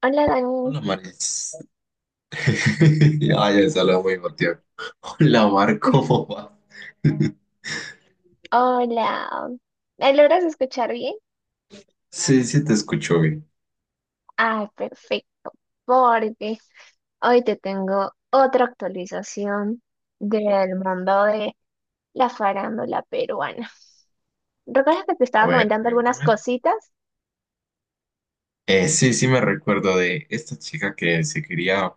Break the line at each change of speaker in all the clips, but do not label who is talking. Hola, Dani.
Hola, Maris. Ay, ya se habla muy buen tiempo. Hola, Mar, ¿cómo va?
Hola. ¿Me logras escuchar bien?
Sí, sí, te escucho bien.
Ah, perfecto, porque hoy te tengo otra actualización del mundo de la farándula peruana. ¿Recuerdas que te
A
estaba
ver,
comentando algunas
cuéntame.
cositas?
Sí, sí, me recuerdo de esta chica que se quería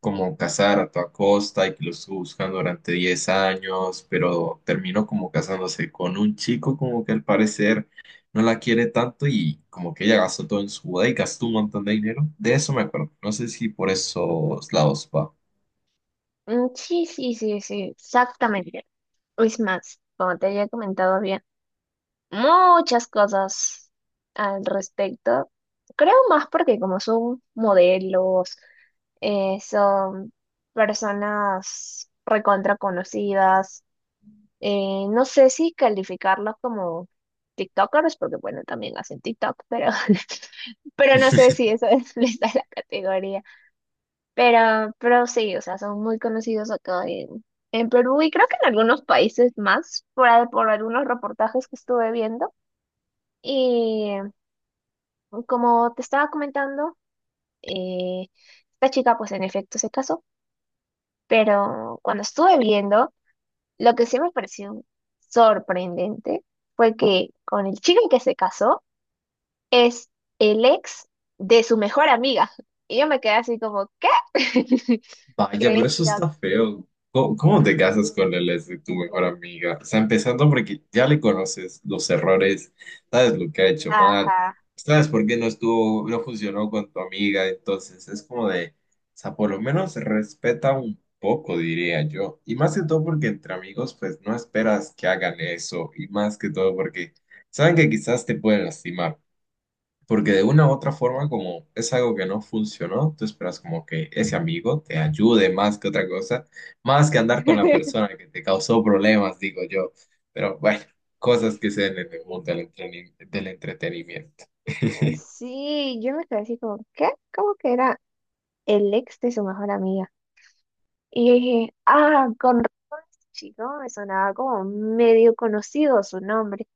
como casar a toda costa y que lo estuvo buscando durante 10 años, pero terminó como casándose con un chico como que al parecer no la quiere tanto y como que ella gastó todo en su boda y gastó un montón de dinero. De eso me acuerdo. No sé si por esos lados va.
Mm, sí, sí, sí, sí, exactamente. Es más, como te había comentado, había muchas cosas al respecto. Creo más porque como son modelos. Son personas recontra conocidas. No sé si calificarlos como TikTokers, porque bueno, también hacen TikTok, pero, pero no sé si eso es, les da la categoría. Pero sí, o sea, son muy conocidos acá en Perú y creo que en algunos países más, por, por algunos reportajes que estuve viendo. Y como te estaba comentando, eh, esta chica pues en efecto se casó. Pero cuando estuve viendo, lo que sí me pareció sorprendente fue que con el chico que se casó es el ex de su mejor amiga. Y yo me quedé así como, ¿qué?
Vaya, pero
Qué
eso
shock.
está feo. ¿Cómo, cómo te casas con él es de tu mejor amiga? O sea, empezando porque ya le conoces los errores, sabes lo que ha hecho mal,
Ajá.
sabes por qué no estuvo, no funcionó con tu amiga, entonces es como de, o sea, por lo menos respeta un poco, diría yo. Y más que todo porque entre amigos, pues no esperas que hagan eso, y más que todo porque saben que quizás te pueden lastimar. Porque de una u otra forma, como es algo que no funcionó, tú esperas como que ese amigo te ayude más que otra cosa, más que andar con la persona que te causó problemas, digo yo. Pero bueno, cosas que se den en el mundo del del entretenimiento.
Sí, yo me quedé así como, ¿qué? ¿Cómo que era el ex de su mejor amiga? Y yo dije, ah, con chico, me sonaba como medio conocido su nombre.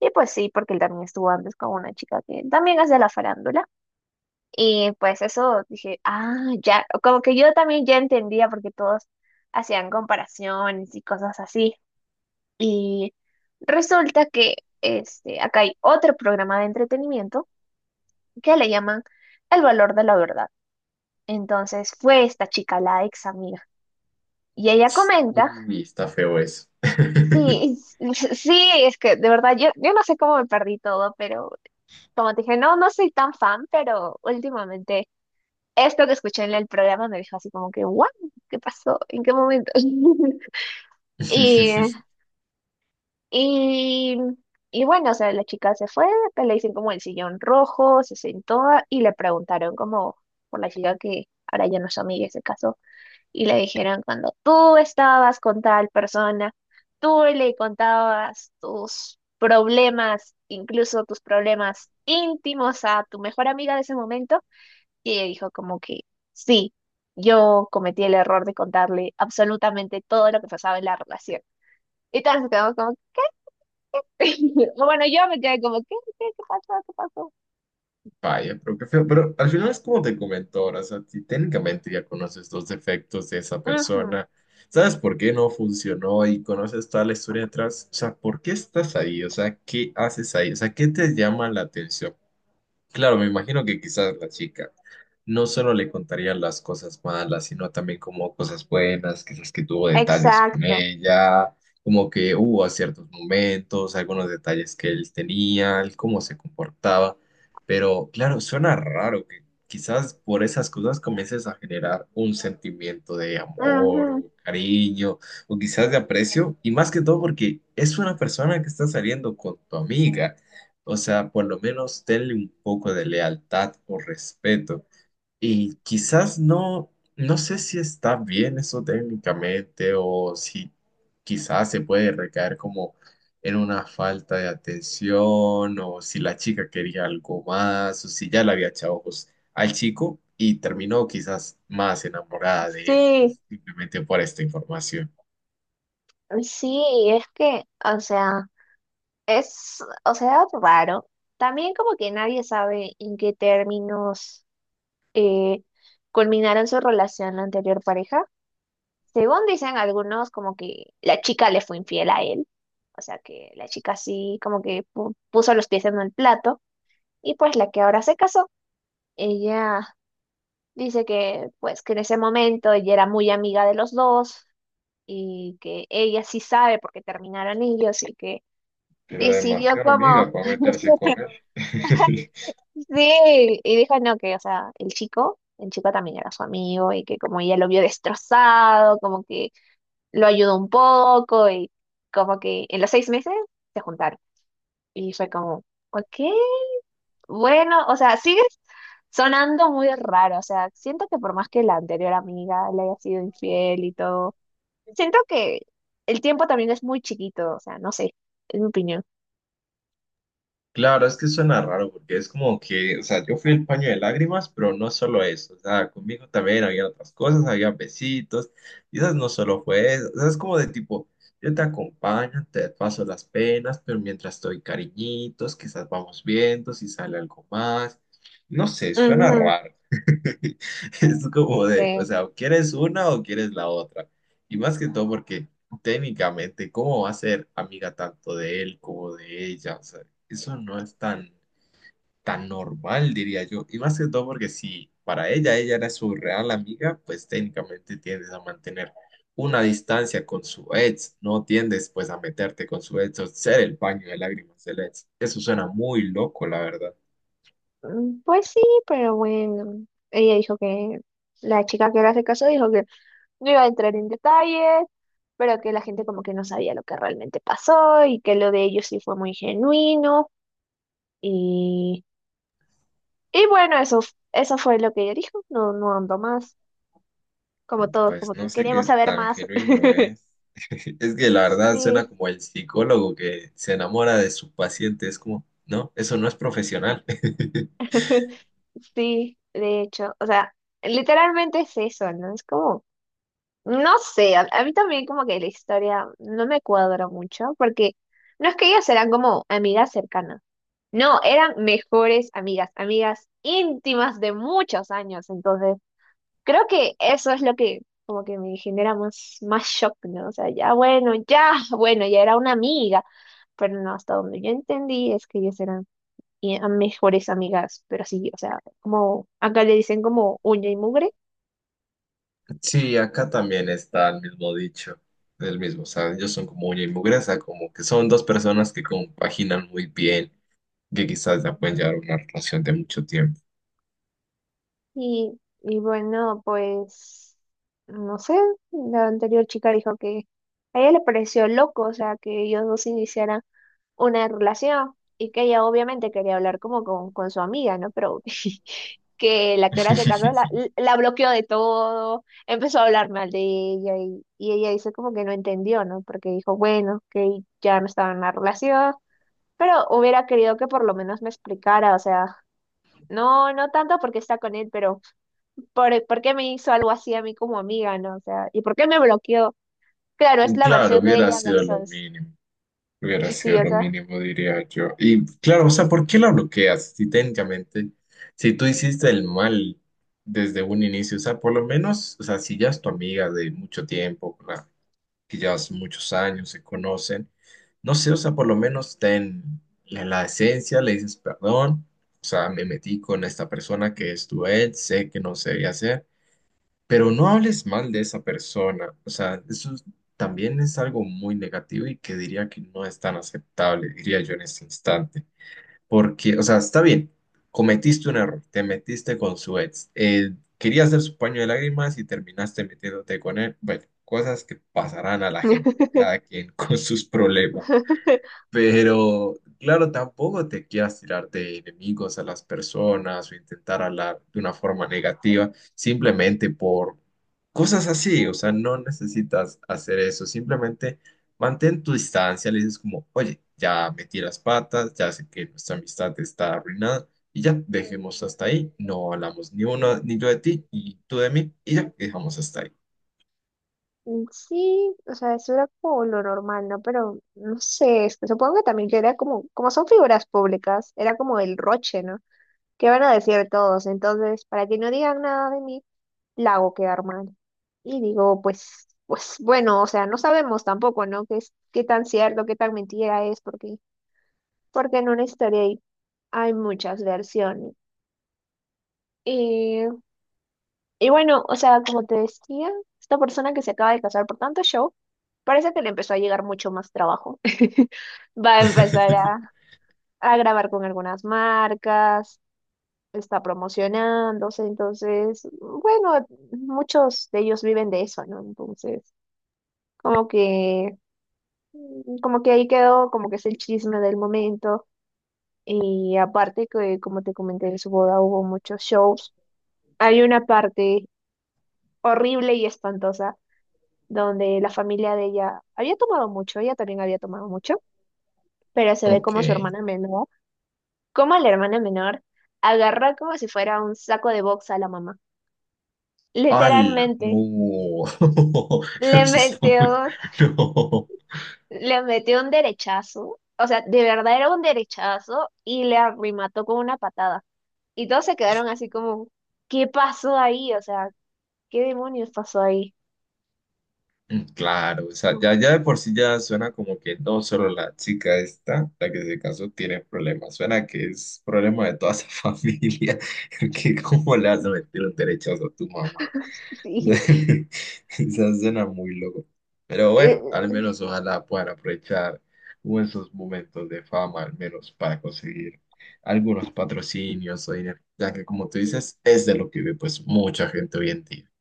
Y pues sí, porque él también estuvo antes con una chica que también es de la farándula. Y pues eso dije, ah, ya, como que yo también ya entendía porque todos hacían comparaciones y cosas así. Y resulta que este, acá hay otro programa de entretenimiento que le llaman El valor de la verdad. Entonces fue esta chica, la ex amiga, y ella comenta,
Uy, está feo eso.
sí, sí, es que de verdad yo, no sé cómo me perdí todo, pero como te dije, no, no soy tan fan, pero últimamente esto que escuché en el programa me dejó así como que, wow, ¿qué pasó? ¿En qué momento? Y, y, y bueno, o sea, la chica se fue, pues le dicen como el sillón rojo, se sentó y le preguntaron como por la chica que ahora ya no es amiga, y se casó, y le dijeron cuando tú estabas con tal persona, tú le contabas tus problemas, incluso tus problemas íntimos a tu mejor amiga de ese momento. Y ella dijo como que sí, yo cometí el error de contarle absolutamente todo lo que pasaba en la relación. Y todos nos quedamos como, o bueno, yo me quedé como, ¿qué pasó? ¿Qué pasó?
Vaya, pero qué feo. Pero al final es como te comentó ahora, o sea, si técnicamente ya conoces los defectos de esa
Ujú,
persona, sabes por qué no funcionó y conoces toda la historia detrás, o sea, ¿por qué estás ahí? O sea, ¿qué haces ahí? O sea, ¿qué te llama la atención? Claro, me imagino que quizás la chica no solo le contaría las cosas malas, sino también como cosas buenas, quizás que tuvo detalles con
exacto.
ella, como que hubo a ciertos momentos, algunos detalles que él tenía, el cómo se comportaba. Pero claro, suena raro que quizás por esas cosas comiences a generar un sentimiento de amor
Ujú,
o cariño o quizás de aprecio, y más que todo porque es una persona que está saliendo con tu amiga. O sea, por lo menos tenle un poco de lealtad o respeto. Y quizás no, no sé si está bien eso técnicamente o si quizás se puede recaer como en una falta de atención o si la chica quería algo más o si ya le había echado ojos al chico y terminó quizás más enamorada de él,
sí,
pues simplemente por esta información.
sí, es que, o sea, es, o sea, raro. También como que nadie sabe en qué términos eh, culminaron su relación la anterior pareja. Según dicen algunos, como que la chica le fue infiel a él. O sea que la chica sí como que puso los pies en el plato y pues la que ahora se casó, ella dice que pues que en ese momento ella era muy amiga de los dos y que ella sí sabe por qué terminaron ellos y que
Pero
decidió
demasiado
como
amiga para meterse con él.
sí y dijo no que o sea el chico también era su amigo y que como ella lo vio destrozado como que lo ayudó un poco y como que en los 6 meses se juntaron y fue como ok. Bueno, o sea, sigues sonando muy raro. O sea, siento que por más que la anterior amiga le haya sido infiel y todo, siento que el tiempo también es muy chiquito. O sea, no sé, es mi opinión.
Claro, es que suena raro porque es como que, o sea, yo fui el paño de lágrimas, pero no solo eso, o sea, conmigo también había otras cosas, había besitos, quizás no solo fue eso, o sea, es como de tipo, yo te acompaño, te paso las penas, pero mientras estoy cariñitos, quizás vamos viendo si sale algo más, no sé, suena
Ujú,
raro. Es como de, o
sí.
sea, o quieres una o quieres la otra, y más que todo porque técnicamente, ¿cómo va a ser amiga tanto de él como de ella? O sea, eso no es tan, tan normal, diría yo. Y más que todo porque si para ella ella era su real amiga, pues técnicamente tiendes a mantener una distancia con su ex. No tiendes pues a meterte con su ex o ser el paño de lágrimas del ex. Eso suena muy loco, la verdad.
Mm, pues sí, pero bueno, ella dijo que la chica que le hace caso dijo que no iba a entrar en detalles, pero que la gente como que no sabía lo que realmente pasó y que lo de ellos sí fue muy genuino. Y bueno, eso, eso fue lo que ella dijo. No, no ando más. Como todos,
Pues
como
no
que
sé
queríamos
qué
saber
tan
más.
genuino es. Es que la verdad suena
Sí,
como el psicólogo que se enamora de su paciente. Es como, no, eso no es profesional.
sí, de hecho. O sea, literalmente es eso, ¿no? Es como, no sé, a mí también como que la historia no me cuadra mucho, porque no es que ellas eran como amigas cercanas. No, eran mejores amigas, amigas íntimas de muchos años. Entonces, creo que eso es lo que como que me genera más, más shock, ¿no? O sea, ya bueno, ya bueno, ya era una amiga, pero no, hasta donde yo entendí es que ellas eran mejores amigas, pero sí, o sea, como acá le dicen como uña y mugre,
Sí, acá también está el mismo dicho, el mismo, o sea, ellos son como uña y mugreza, como que son dos personas que compaginan muy bien, que quizás ya pueden llevar una relación de mucho tiempo.
y bueno, pues, no sé, la anterior chica dijo que a ella le pareció loco, o sea, que ellos dos iniciaran una relación y que ella obviamente quería hablar como con su amiga, ¿no? Pero que la que ahora se casó la, la bloqueó de todo, empezó a hablar mal de ella y ella dice como que no entendió, ¿no? Porque dijo, bueno, que ya no estaba en la relación, pero hubiera querido que por lo menos me explicara, o sea, no, no tanto porque está con él, pero por qué me hizo algo así a mí como amiga, ¿no? O sea, ¿y por qué me bloqueó? Claro, es la
Claro,
versión de
hubiera
ella
sido lo
versus...
mínimo, hubiera sido
Sí, o
lo
sea.
mínimo, diría yo. Y claro, o sea, ¿por qué la bloqueas? Si técnicamente, si tú hiciste el mal desde un inicio, o sea, por lo menos, o sea, si ya es tu amiga de mucho tiempo, que ya hace muchos años se conocen. No sé, o sea, por lo menos ten en la esencia, le dices perdón, o sea, me metí con esta persona que es tu ex, sé que no se debía hacer, pero no hables mal de esa persona, o sea, también es algo muy negativo y que diría que no es tan aceptable, diría yo en este instante. Porque, o sea, está bien, cometiste un error, te metiste con su ex, querías ser su paño de lágrimas y terminaste metiéndote con él. Bueno, cosas que pasarán a la gente, cada quien con sus problemas. Pero, claro, tampoco te quieras tirar de enemigos a las personas o intentar hablar de una forma negativa, simplemente por cosas así. O sea, no necesitas hacer eso. Simplemente mantén tu distancia. Le dices como, oye, ya metí las patas, ya sé que nuestra amistad está arruinada y ya, dejemos hasta ahí. No hablamos ni uno, ni yo de ti y tú de mí y ya, dejamos hasta ahí.
Mm, sí, o sea, eso era como lo normal, ¿no? Pero no sé, es que supongo que también que era como, como son figuras públicas, era como el roche, ¿no? ¿Qué van a decir todos? Entonces, para que no digan nada de mí, la hago quedar mal. Y digo, pues, pues bueno, o sea, no sabemos tampoco, ¿no? Qué es, qué tan cierto, qué tan mentira es, porque, porque en una historia hay, hay muchas versiones. Y bueno, o sea, como te decía, esta persona que se acaba de casar por tanto show, parece que le empezó a llegar mucho más trabajo. Va a empezar a grabar con algunas marcas, está promocionándose, entonces, bueno, muchos de ellos viven de eso, ¿no? Entonces, como que, como que ahí quedó, como que es el chisme del momento. Y aparte que, como te comenté, en su boda hubo muchos shows. Hay una parte horrible y espantosa donde la familia de ella había tomado mucho, ella también había tomado mucho, pero se ve
Ok.
como su hermana menor, como la hermana menor, agarró como si fuera un saco de box a la mamá.
¡Hala!
Literalmente,
No, no,
le
eso está muy...
metió,
No.
le metió un derechazo, o sea, de verdad era un derechazo y le arremató con una patada. Y todos se quedaron así como, ¿qué pasó ahí? O sea, ¿qué demonios pasó ahí?
Claro, o sea, ya, ya de por sí ya suena como que no solo la chica esta, la que se casó, tiene problemas, suena que es problema de toda esa familia, que cómo le vas a meter un derechazo a tu mamá.
Sí,
Eso suena muy loco. Pero
Eh,
bueno, al menos ojalá puedan aprovechar esos momentos de fama, al menos para conseguir algunos patrocinios o dinero, ya que como tú dices, es de lo que vive pues mucha gente hoy en día.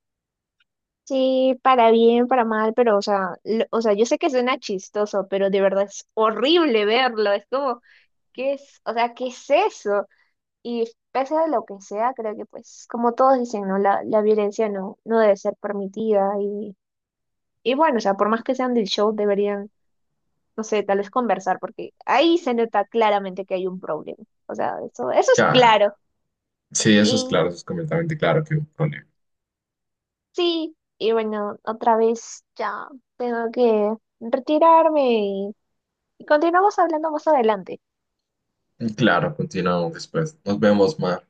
sí, para bien, para mal, pero o sea, o sea, yo sé que suena chistoso, pero de verdad es horrible verlo. Es como, ¿qué es? O sea, ¿qué es eso? Y pese a lo que sea, creo que pues, como todos dicen, ¿no? La violencia no, no debe ser permitida. Y bueno, o sea, por más que sean del show, deberían, no sé, tal vez conversar, porque ahí se nota claramente que hay un problema. O sea, eso es
Claro,
claro.
sí, eso es claro,
Y
eso es completamente claro que es un problema.
sí, y bueno, otra vez ya tengo que retirarme. Y continuamos hablando más adelante.
Claro, continuamos después. Nos vemos, más